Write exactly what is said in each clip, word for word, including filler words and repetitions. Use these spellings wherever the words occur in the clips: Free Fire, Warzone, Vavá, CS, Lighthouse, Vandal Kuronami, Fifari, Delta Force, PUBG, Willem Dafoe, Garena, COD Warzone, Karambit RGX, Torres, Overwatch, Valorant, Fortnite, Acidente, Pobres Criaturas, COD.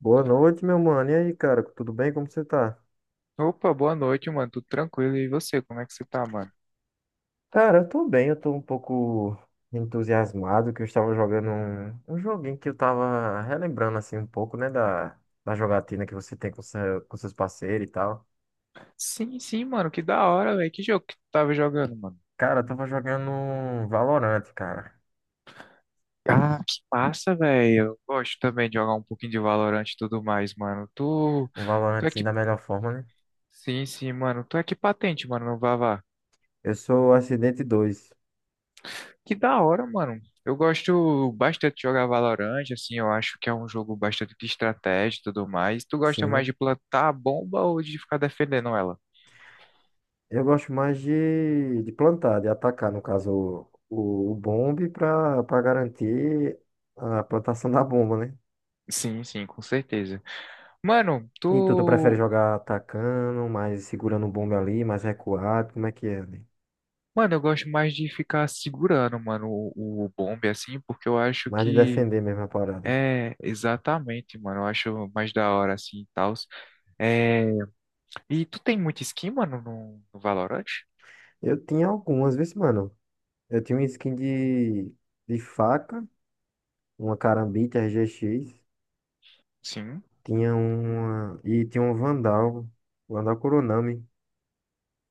Boa noite, meu mano. E aí, cara, tudo bem? Como você tá? Opa, boa noite, mano. Tudo tranquilo? E você, como é que você tá, mano? Cara, eu tô bem, eu tô um pouco entusiasmado que eu estava jogando um, um joguinho que eu tava relembrando assim um pouco, né, da, da jogatina que você tem com, seu, com seus parceiros e tal. Sim, sim, mano. Que da hora, velho. Que jogo que tu tava jogando, mano? Cara, eu tava jogando um Valorant, cara. Ah, que massa, velho. Eu gosto também de jogar um pouquinho de Valorant e tudo mais, mano. Tu, Um Valorant tu é assim que... da melhor forma, né? Sim, sim, mano. Tu é que patente, mano, no Vavá. Eu sou Acidente dois. Que da hora, mano. Eu gosto bastante de jogar Valorant, assim. Eu acho que é um jogo bastante de estratégia e tudo mais. Tu gosta mais Sim. de plantar a bomba ou de ficar defendendo ela? Eu gosto mais de, de plantar, de atacar, no caso, o, o, o bombe pra, pra garantir a plantação da bomba, né? Sim, sim, com certeza. Mano, E tu, tu prefere tu. jogar atacando, mais segurando o bombe ali, mais recuado? Como é que é ali? Mano, eu gosto mais de ficar segurando, mano, o, o bombe, assim, porque eu acho Mais de que defender mesmo a parada. é exatamente, mano. Eu acho mais da hora, assim, e tal. É... E tu tem muito skin, mano, no, no Valorant? Eu tinha algumas, vezes, mano. Eu tinha uma skin de, de faca, uma Karambit R G X, Sim. tinha uma. E tinha um Vandal, Vandal Kuronami.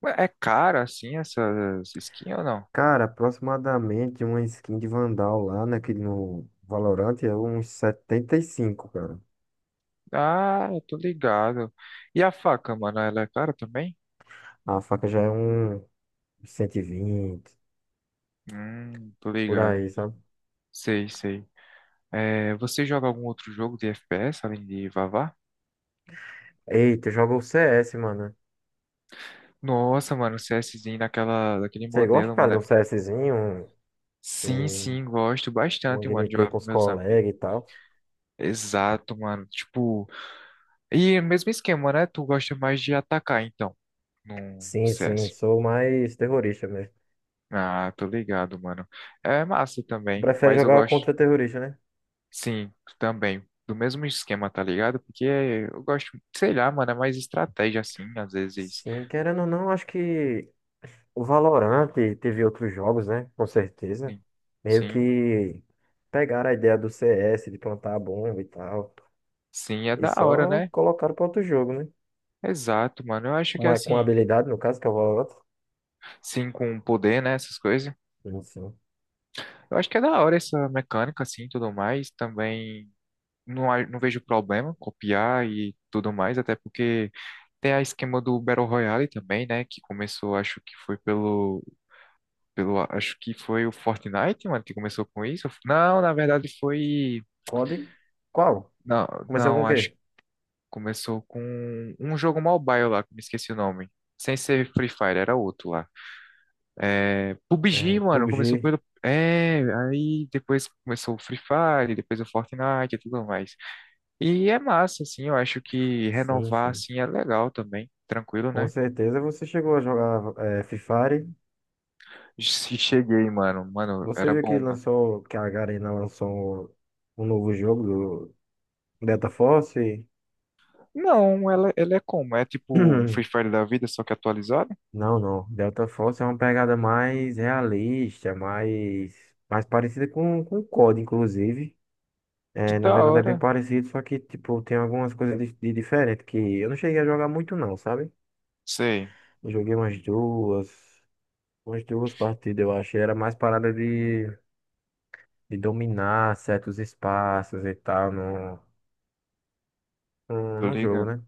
Ué, é caro, assim, essas skins ou não? Cara, aproximadamente uma skin de Vandal lá, né? Que no Valorant é uns setenta e cinco cara. Ah, eu tô ligado. E a faca, mano, ela é cara também? A faca já é um cento e vinte Hum, tô por ligado. aí, sabe? Sei, sei. É, você joga algum outro jogo de F P S além de Vavá? Eita, eu jogo o C S, mano. Nossa, mano, o CSzinho naquela, daquele Você gosta, modelo, cara, mano. de um É CSzinho, um, Sim, um, sim, gosto uma bastante, mano, de gameplay jogar com com os meus amigos. colegas e tal? Exato, mano. Tipo, e mesmo esquema, né? Tu gosta mais de atacar, então, no Sim, sim, C S. sou mais terrorista mesmo. Ah, tô ligado, mano. É massa também, Prefere mas eu jogar gosto, contra terrorista, né? sim, também, do mesmo esquema, tá ligado? Porque eu gosto, sei lá, mano, é mais estratégia, assim, às vezes. Sim, querendo ou não, acho que o Valorant teve outros jogos, né? Com certeza. Sim, Meio sim, que pegaram a ideia do C S, de plantar a bomba e tal. sim, é E da hora, só né? colocaram para outro jogo, né? Exato, mano. Eu acho que Com, a- com assim, habilidade, no caso, que é o Valorant. sim, com o poder, né? Essas coisas. Sim, sim. Eu acho que é da hora essa mecânica, assim, e tudo mais. Também não, a- não vejo problema copiar e tudo mais, até porque tem a esquema do Battle Royale também, né? Que começou, acho que foi pelo, pelo, acho que foi o Fortnite, mano, que começou com isso. Não, na verdade foi, C O D? Qual? não, Começou com o não, acho quê? que começou com um jogo mobile lá, que me esqueci o nome. Sem ser Free Fire, era outro lá. É, É, P U B G, mano, começou pub g. pelo. É, aí depois começou o Free Fire, depois o Fortnite e tudo mais. E é massa, assim, eu acho que Sim, renovar, sim. assim, é legal também, tranquilo, Com né? certeza você chegou a jogar é, Fifari. Se cheguei, mano, mano, Você era viu que bom, mano. lançou, que a Garena lançou um novo jogo do Delta Force? Não, ela, ela é como? É tipo um Free Fire da vida, só que atualizado? Não, não. Delta Force é uma pegada mais realista, mais, mais parecida com, com o C O D, inclusive. Que É, na da verdade é bem hora. parecido, só que tipo, tem algumas coisas de, de diferente que eu não cheguei a jogar muito não, sabe? Sei, Eu joguei umas duas, umas duas partidas, eu acho. Era mais parada de de dominar certos espaços e tal no, no, tô no jogo, ligado. né?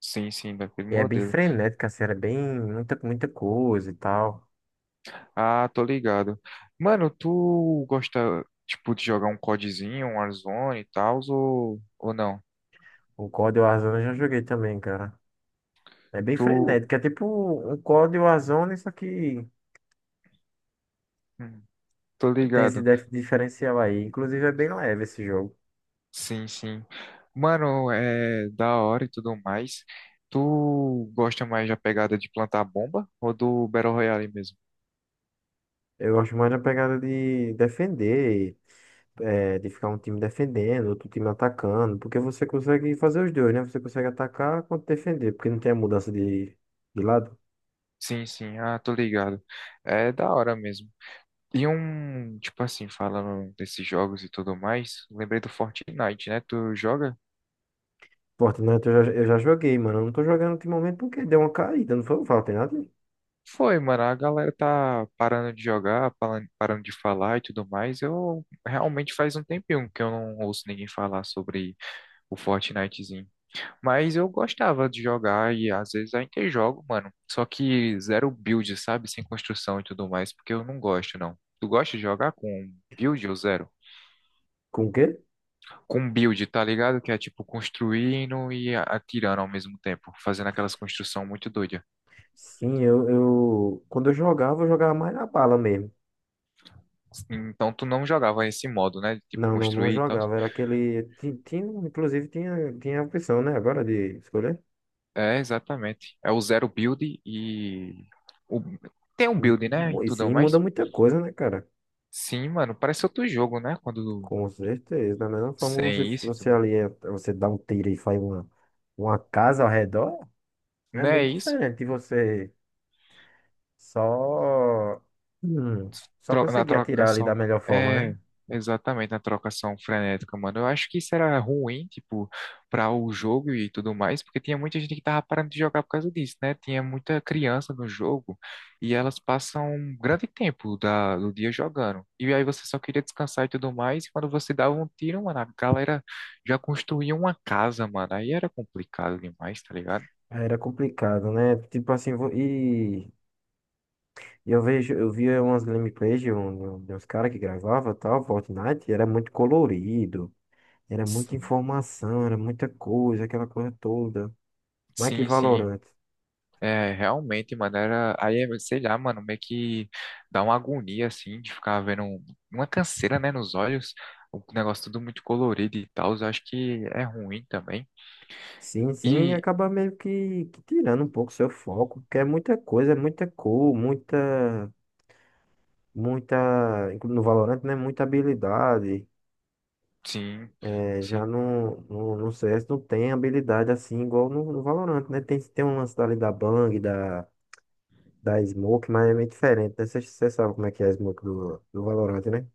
Sim, sim, daquele E é bem modelo. frenético, assim, é bem muita, muita coisa e tal. Ah, tô ligado. Mano, tu gosta, tipo, de jogar um CODzinho, um Warzone e tal, ou, ou não? O C O D Warzone eu já joguei também, cara. É bem Tô, frenético, é tipo um C O D Warzone, só que hum, tô tem esse ligado. def- diferencial aí. Inclusive é bem leve esse jogo. Sim, sim. Mano, é da hora e tudo mais. Tu gosta mais da pegada de plantar bomba ou do Battle Royale mesmo? Eu gosto mais da pegada de defender, é, de ficar um time defendendo, outro time atacando, porque você consegue fazer os dois, né? Você consegue atacar quanto defender, porque não tem a mudança de, de lado. Sim, sim. Ah, tô ligado. É da hora mesmo. E um, tipo assim, falando desses jogos e tudo mais, lembrei do Fortnite, né? Tu joga? Fortnite eu já, eu já joguei, mano. Eu não tô jogando ultimamente porque deu uma caída, não foi o Fortnite? Foi, mano. A galera tá parando de jogar, palan- parando de falar e tudo mais. Eu realmente faz um tempinho que eu não ouço ninguém falar sobre o Fortnitezinho. Mas eu gostava de jogar e às vezes ainda jogo, mano. Só que zero build, sabe? Sem construção e tudo mais, porque eu não gosto, não. Tu gosta de jogar com build ou zero? Com o quê? Com build, tá ligado? Que é tipo construindo e a- atirando ao mesmo tempo, fazendo aquelas construções muito doidas. Sim, eu, eu. Quando eu jogava, eu jogava mais na bala mesmo. Então tu não jogava esse modo, né? Tipo Não, não, não construir e tal. jogava. Era aquele. ti- Tinha, inclusive, tinha, tinha a opção, né? Agora de escolher. É, exatamente. É o zero build e o- tem um build, né? Mu- E E tudo sim, muda mais. muita coisa, né, cara? Sim, mano, parece outro jogo, né? Quando Com certeza. Da mesma forma, você, sem isso e você tudo. ali, é- você dá um tiro e faz uma, uma casa ao redor, é Não é muito isso? diferente de você só. hum, Só Tro- Na conseguir atirar ali da trocação, né? melhor forma, É, né? exatamente, na trocação frenética, mano. Eu acho que isso era ruim, tipo, para o jogo e tudo mais, porque tinha muita gente que tava parando de jogar por causa disso, né? Tinha muita criança no jogo e elas passam um grande tempo da, do dia jogando. E aí você só queria descansar e tudo mais, e quando você dava um tiro, mano, a galera já construía uma casa, mano. Aí era complicado demais, tá ligado? Era complicado, né? Tipo assim, vo- e e eu vejo, eu via umas gameplays de, um, de uns caras que gravava tal, Fortnite, e era muito colorido, era muita Sim, informação, era muita coisa, aquela coisa toda. Mas que sim, sim. Valorant. É, realmente, mano, era, aí, é, sei lá, mano, meio que dá uma agonia, assim, de ficar vendo um- uma canseira, né, nos olhos, o negócio tudo muito colorido e tal, eu acho que é ruim também, Sim, sim, e acaba meio que, que tirando um pouco seu foco, porque é muita coisa, é muita cor, muita, muita, inclu- no Valorant, né? Muita habilidade. sim, É, sim, já no, no, no C S não tem habilidade assim igual no, no Valorant, né? Tem, tem um lance ali da Bang, da, da Smoke, mas é meio diferente, né? Você sabe como é que é a Smoke do, do Valorant, né?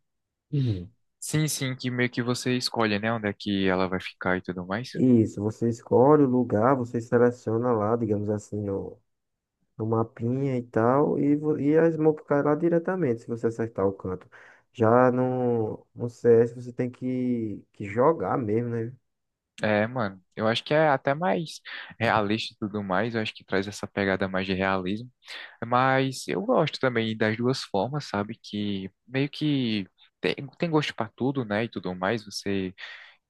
Uhum. sim, sim, que meio que você escolhe, né, onde é que ela vai ficar e tudo mais, Isso, você escolhe o lugar, você seleciona lá, digamos assim, no, no mapinha e tal, e, vo- e a Smoke cai lá diretamente, se você acertar o canto. Já no, no C S você tem que, que jogar mesmo, né? é, mano, eu acho que é até mais realista e tudo mais, eu acho que traz essa pegada mais de realismo. Mas eu gosto também das duas formas, sabe? Que meio que tem, tem gosto para tudo, né? E tudo mais. Você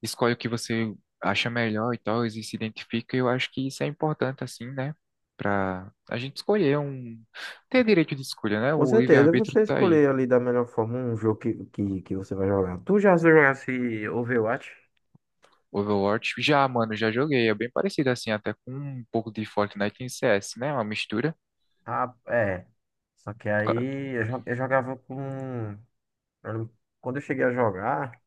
escolhe o que você acha melhor e tal, e se identifica. E eu acho que isso é importante, assim, né? Pra a gente escolher um. Ter direito de escolha, né? Com O certeza, livre-arbítrio você tá aí. escolher ali da melhor forma um jogo que, que, que você vai jogar. Tu já jogasse Overwatch? Overwatch. Já, mano, já joguei. É bem parecido, assim, até com um pouco de Fortnite em C S, né? Uma mistura. Ah, é. Só que Por ca- aí eu, jo- eu jogava com. Eu não- Quando eu cheguei a jogar,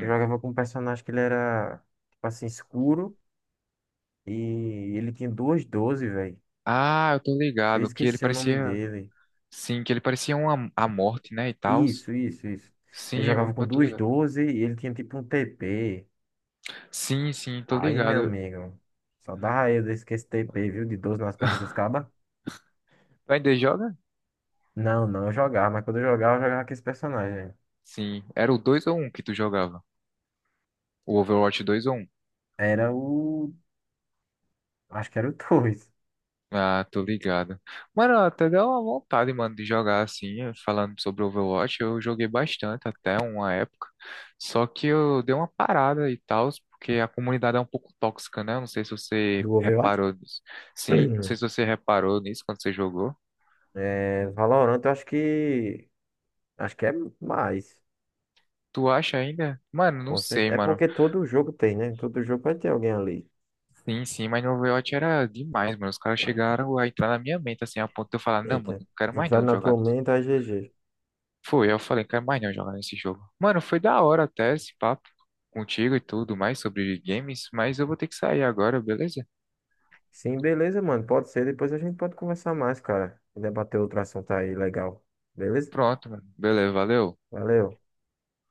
eu jogava com um personagem que ele era, tipo assim, escuro e ele tinha duas doze velho. Ah, eu tô Eu ligado. Que ele esqueci o nome parecia. dele. Sim, que ele parecia uma, a morte, né? E tal. Isso, isso, isso. Eu Sim, jogava eu com eu tô duas ligado. doze e ele tinha tipo um T P. Sim, sim, tô Aí, meu ligado. amigo, só dava eu desse que esse T P, viu? De doze nas costas dos cabas. Tu ainda joga? Não, não, eu jogava, mas quando eu jogava, eu jogava com esse personagem. Sim. Era o dois ou um que tu jogava? O Overwatch dois ou um. Era o. Acho que era o Torres, Ah, tô ligado. Mano, até deu uma vontade, mano, de jogar assim, falando sobre Overwatch. Eu joguei bastante até uma época. Só que eu dei uma parada e tal, porque a comunidade é um pouco tóxica, né? Eu não sei se você do Overwatch. reparou nisso. Sim, não sei se você reparou nisso quando você jogou. É, Valorant, eu acho que. Acho que é mais. Tu acha ainda? Mano, não Com cer- sei, É mano. porque todo jogo tem, né? Todo jogo vai ter alguém ali. Sim, sim, mas no Overwatch era demais, mano. Os caras chegaram a entrar na minha mente, assim, a ponto de eu falar, não, mano, Eita. não quero mais Entrar não na tua jogar. mente, aí G G. Foi, eu falei, quero mais não jogar nesse jogo. Mano, foi da hora até esse papo contigo e tudo mais sobre games, mas eu vou ter que sair agora, beleza? Sim, beleza, mano. Pode ser. Depois a gente pode conversar mais, cara. E debater outro assunto aí legal. Beleza? Pronto, mano. Beleza, valeu. Valeu.